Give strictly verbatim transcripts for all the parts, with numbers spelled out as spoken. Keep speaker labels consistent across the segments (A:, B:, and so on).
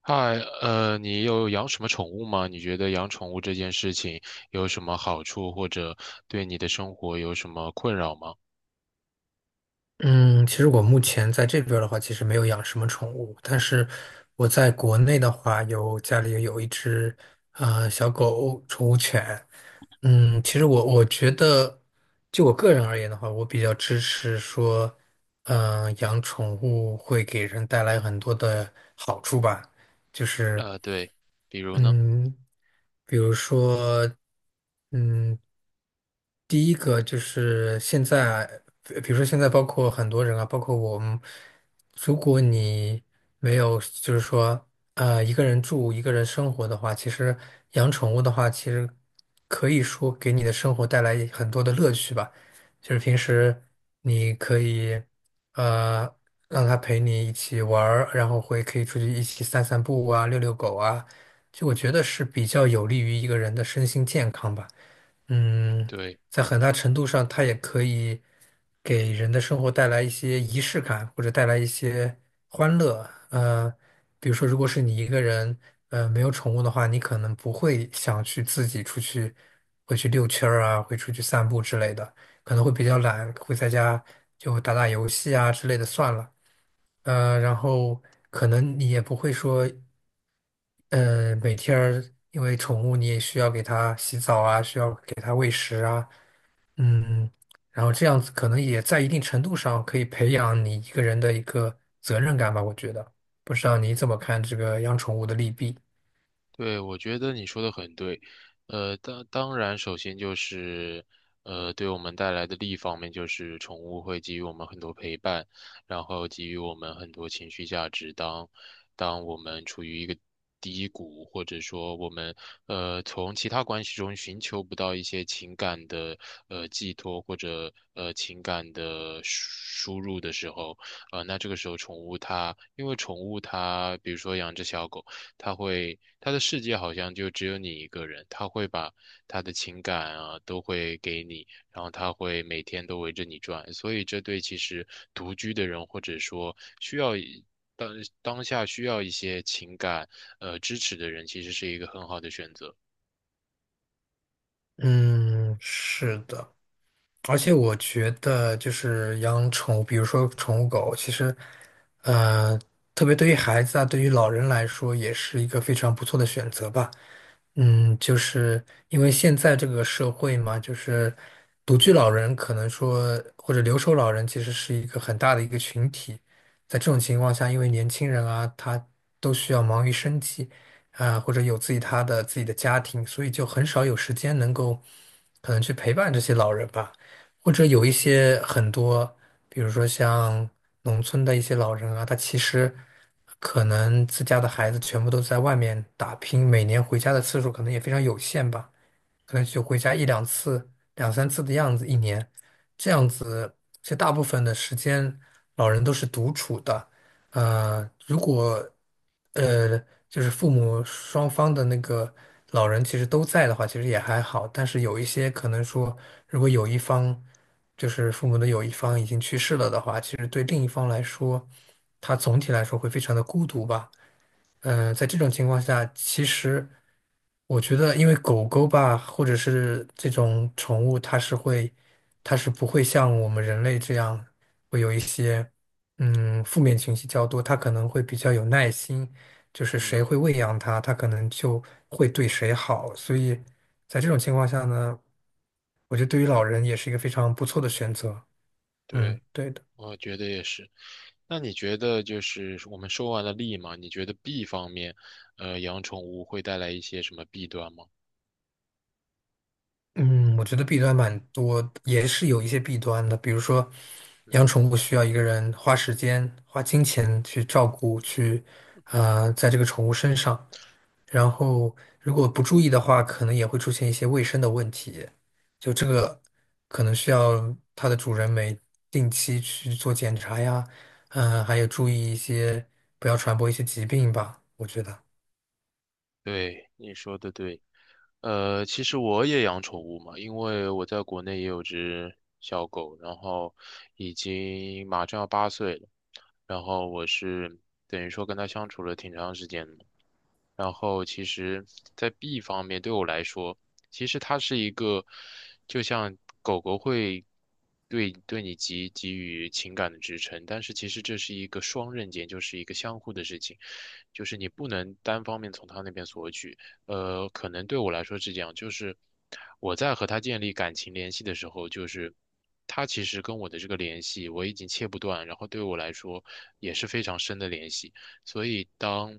A: 嗨，呃，你有养什么宠物吗？你觉得养宠物这件事情有什么好处，或者对你的生活有什么困扰吗？
B: 嗯，其实我目前在这边儿的话，其实没有养什么宠物，但是我在国内的话，有家里有一只呃小狗宠物犬。嗯，其实我我觉得，就我个人而言的话，我比较支持说，嗯、养宠物会给人带来很多的好处吧，就是
A: 呃，对，比如呢？
B: 嗯，比如说。嗯，第一个就是现在，呃比如说现在包括很多人啊，包括我们，如果你没有就是说呃一个人住一个人生活的话，其实养宠物的话，其实可以说给你的生活带来很多的乐趣吧。就是平时你可以呃让它陪你一起玩儿，然后会可以出去一起散散步啊，遛遛狗啊，就我觉得是比较有利于一个人的身心健康吧。嗯，
A: 对，
B: 在很大程度上，它也可以给人的生活带来一些仪式感，或者带来一些欢乐。呃，比如说，如果是你一个人，呃，没有宠物的话，你可能不会想去自己出去，会去遛圈儿啊，会出去散步之类的，可能会比较懒，会在家就打打游戏啊之类的算了。呃，然后可能你也不会说，呃，每天儿因为宠物你也需要给它洗澡啊，需要给它喂食啊。嗯，然后这样子可能也在一定程度上可以培养你一个人的一个责任感吧，我觉得。不知道你怎
A: 嗯。
B: 么看这个养宠物的利弊？
A: 对，我觉得你说的很对，呃，当当然，首先就是，呃，对我们带来的利益方面，就是宠物会给予我们很多陪伴，然后给予我们很多情绪价值。当当我们处于一个低谷，或者说我们呃从其他关系中寻求不到一些情感的呃寄托或者呃情感的输输入的时候，呃，那这个时候宠物它，因为宠物它，比如说养只小狗。他会他的世界好像就只有你一个人，他会把他的情感啊都会给你，然后他会每天都围着你转，所以这对其实独居的人或者说需要一当当下需要一些情感呃支持的人，其实是一个很好的选择。
B: 嗯，是的。而且我觉得，就是养宠物，比如说宠物狗，其实，呃，特别对于孩子啊，对于老人来说，也是一个非常不错的选择吧。嗯，就是因为现在这个社会嘛，就是独居老人可能说，或者留守老人，其实是一个很大的一个群体。在这种情况下，因为年轻人啊，他都需要忙于生计啊，或者有自己他的自己的家庭，所以就很少有时间能够可能去陪伴这些老人吧。或者有一些很多，比如说像农村的一些老人啊，他其实可能自家的孩子全部都在外面打拼，每年回家的次数可能也非常有限吧。可能就回家一两次、两三次的样子，一年这样子，其实大部分的时间老人都是独处的。呃，如果呃就是父母双方的那个老人其实都在的话，其实也还好。但是有一些可能说，如果有一方就是父母的有一方已经去世了的话，其实对另一方来说，他总体来说会非常的孤独吧。嗯、呃在这种情况下，其实我觉得，因为狗狗吧，或者是这种宠物，它是会，它是不会像我们人类这样会有一些嗯负面情绪较多，它可能会比较有耐心，就是谁
A: 嗯，
B: 会喂养它，它可能就会对谁好。所以在这种情况下呢，我觉得对于老人也是一个非常不错的选择。嗯，
A: 对，
B: 对的。
A: 我觉得也是。那你觉得就是我们说完了利嘛，你觉得弊方面，呃，养宠物会带来一些什么弊端吗？
B: 嗯，我觉得弊端蛮多也是有一些弊端的。比如说，
A: 嗯。
B: 养宠物需要一个人花时间、花金钱去照顾，去啊，在这个宠物身上。然后，如果不注意的话，可能也会出现一些卫生的问题。就这个，可能需要它的主人每定期去做检查呀，嗯、还有注意一些，不要传播一些疾病吧。我觉得，
A: 对，你说的对。呃，其实我也养宠物嘛，因为我在国内也有只小狗，然后已经马上要八岁了，然后我是等于说跟它相处了挺长时间的。然后其实，在 B 方面对我来说，其实它是一个，就像狗狗会对对你给给予情感的支撑，但是其实这是一个双刃剑，就是一个相互的事情，就是你不能单方面从他那边索取。呃，可能对我来说是这样，就是我在和他建立感情联系的时候，就是他其实跟我的这个联系我已经切不断，然后对我来说也是非常深的联系。所以当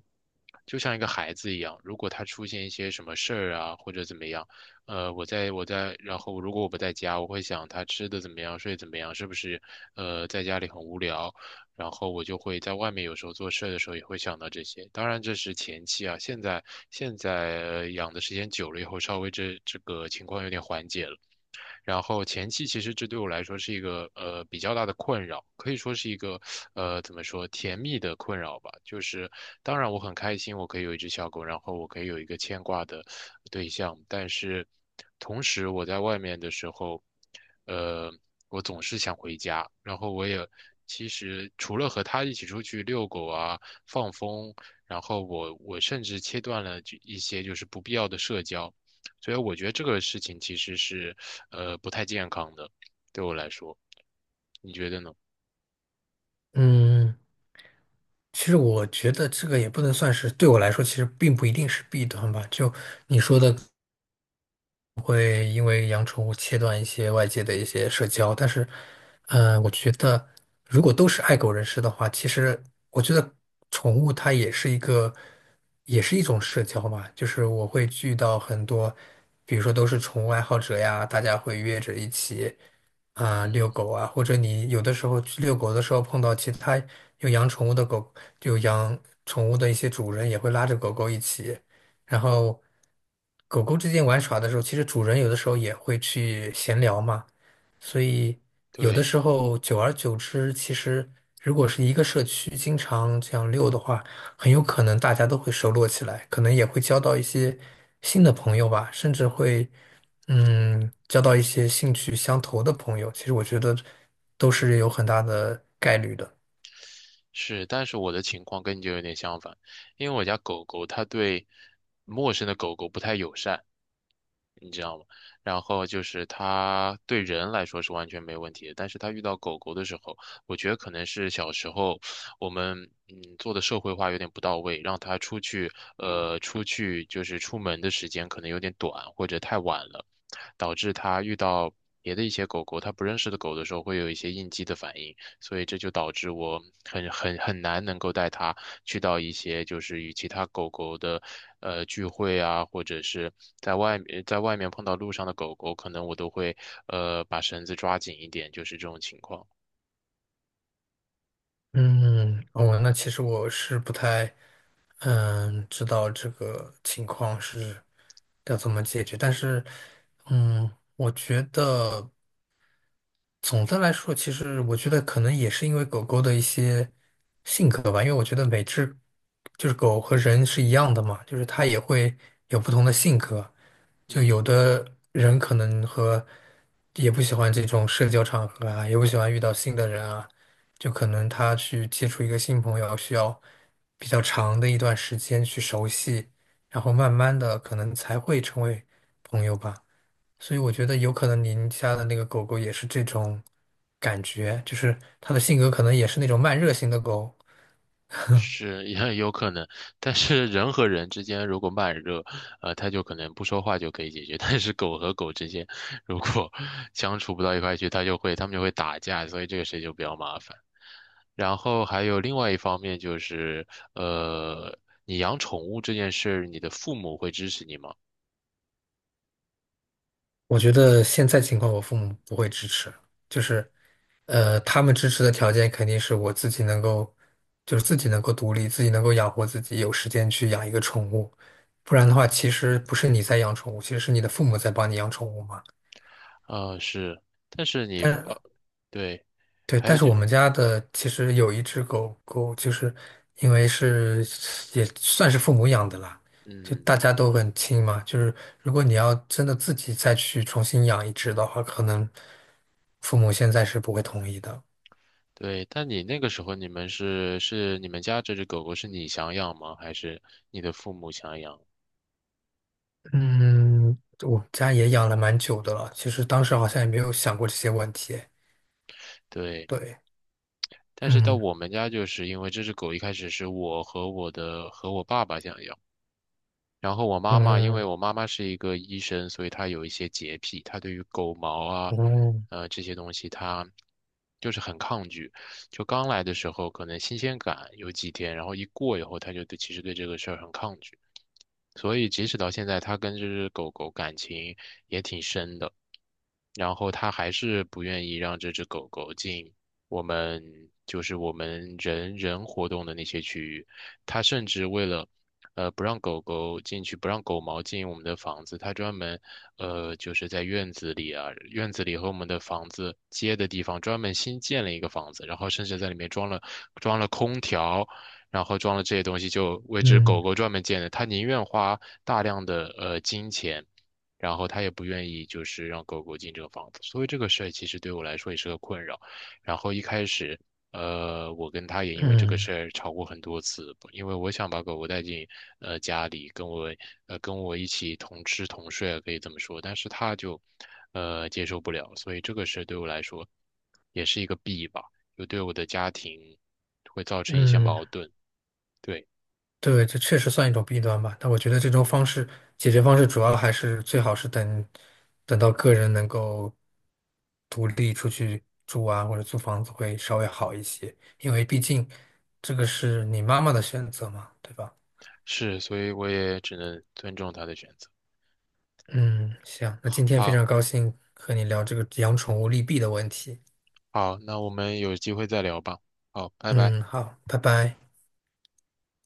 A: 就像一个孩子一样，如果他出现一些什么事儿啊，或者怎么样，呃，我在我在，然后如果我不在家，我会想他吃的怎么样，睡得怎么样，是不是呃在家里很无聊，然后我就会在外面有时候做事儿的时候也会想到这些。当然这是前期啊，现在现在呃养的时间久了以后，稍微这这个情况有点缓解了。然后前期其实这对我来说是一个呃比较大的困扰，可以说是一个呃怎么说甜蜜的困扰吧。就是当然我很开心，我可以有一只小狗，然后我可以有一个牵挂的对象，但是同时我在外面的时候，呃，我总是想回家，然后我也。其实除了和它一起出去遛狗啊、放风，然后我我甚至切断了就一些就是不必要的社交，所以我觉得这个事情其实是呃不太健康的，对我来说，你觉得呢？
B: 嗯。其实我觉得这个也不能算是，对我来说其实并不一定是弊端吧。就你说的，会因为养宠物切断一些外界的一些社交，但是，嗯、我觉得如果都是爱狗人士的话，其实我觉得宠物它也是一个，也是一种社交嘛。就是我会遇到很多，比如说都是宠物爱好者呀，大家会约着一起啊、遛
A: 嗯，
B: 狗啊，或者你有的时候去遛狗的时候碰到其他有养宠物的狗，有养宠物的一些主人也会拉着狗狗一起。然后狗狗之间玩耍的时候，其实主人有的时候也会去闲聊嘛，所以有的
A: 对，
B: 时候久而久之，其实如果是一个社区经常这样遛的话，很有可能大家都会熟络起来，可能也会交到一些新的朋友吧，甚至会嗯交到一些兴趣相投的朋友。其实我觉得都是有很大的概率的。
A: 是，但是我的情况跟你就有点相反，因为我家狗狗它对陌生的狗狗不太友善，然后就是它对人来说是完全没问题的，但是它遇到狗狗的时候，我觉得可能是小时候我们嗯做的社会化有点不到位，让它出去呃出去就是出门的时间可能有点短或者太晚了，导致它遇到别的一些狗狗，它不认识的狗的时候会有一些应激的反应，所以这就导致我很很很难能够带它去到一些就是与其他狗狗的呃聚会啊，或者是在外面在外面碰到路上的狗狗，可能我都会呃把绳子抓紧一点，就是这种情况。
B: 嗯，哦，那其实我是不太，嗯，知道这个情况是要怎么解决，但是，嗯，我觉得总的来说，其实我觉得可能也是因为狗狗的一些性格吧，因为我觉得每只就是狗和人是一样的嘛，就是它也会有不同的性格，就有
A: 嗯。
B: 的人可能和也不喜欢这种社交场合啊，也不喜欢遇到新的人啊，就可能他去接触一个新朋友需要比较长的一段时间去熟悉，然后慢慢的可能才会成为朋友吧。所以我觉得有可能您家的那个狗狗也是这种感觉，就是它的性格可能也是那种慢热型的狗。
A: 是也有可能，但是人和人之间如果慢热，呃，他就可能不说话就可以解决。但是狗和狗之间，如果 相处不到一块去，它就会它们就会打架，所以这个事情就比较麻烦。然后还有另外一方面就是，呃，你养宠物这件事儿你的父母会支持你吗？
B: 我觉得现在情况，我父母不会支持，就是，呃，他们支持的条件肯定是我自己能够，就是自己能够独立，自己能够养活自己，有时间去养一个宠物，不然的话，其实不是你在养宠物，其实是你的父母在帮你养宠物嘛。
A: 啊、是，但是你，呃，对，
B: 对，
A: 还
B: 但
A: 有
B: 是
A: 就，
B: 我们家的其实有一只狗狗，就是因为是也算是父母养的啦，就
A: 嗯。
B: 大家都很亲嘛。就是如果你要真的自己再去重新养一只的话，可能父母现在是不会同意的。
A: 对，但你那个时候你们是是你们家这只狗狗是你想养吗？还是你的父母想养？
B: 嗯，我们家也养了蛮久的了，其实当时好像也没有想过这些问题。
A: 对，
B: 对，
A: 但是到
B: 嗯
A: 我们家就是因为这只狗一开始是我和我的和我爸爸想养，然后我妈妈因为
B: 嗯
A: 我妈妈是一个医生，所以她有一些洁癖，她对于狗毛啊，
B: 嗯
A: 呃这些东西她就是很抗拒。就刚来的时候可能新鲜感有几天，然后一过以后，她就对其实对这个事儿很抗拒。所以即使到现在，他跟这只狗狗感情也挺深的，然后他还是不愿意让这只狗狗进我们就是我们人人活动的那些区域，他甚至为了。呃，不让狗狗进去，不让狗毛进我们的房子。他专门，呃，就是在院子里啊，院子里和我们的房子接的地方，专门新建了一个房子，然后甚至在里面装了装了空调，然后装了这些东西就为只狗
B: 嗯
A: 狗专门建的，他宁愿花大量的呃金钱，然后他也不愿意就是让狗狗进这个房子，所以这个事儿其实对我来说也是个困扰。然后一开始，呃，我跟他也因为这个
B: 嗯
A: 事儿吵过很多次，因为我想把狗狗带进呃家里，跟我呃跟我一起同吃同睡啊，可以这么说，但是他就呃接受不了，所以这个事儿对我来说也是一个弊吧，就对我的家庭会造成一些
B: 嗯。
A: 矛盾。对，
B: 对，这确实算一种弊端吧。但我觉得这种方式解决方式主要还是最好是等等到个人能够独立出去住啊，或者租房子会稍微好一些，因为毕竟这个是你妈妈的选择嘛，对吧？
A: 是，所以我也只能尊重他的选择。
B: 嗯，行，那今天非
A: 好，
B: 常高兴和你聊这个养宠物利弊的问题。
A: 好，那我们有机会再聊吧。好，拜拜。
B: 嗯，好，拜拜。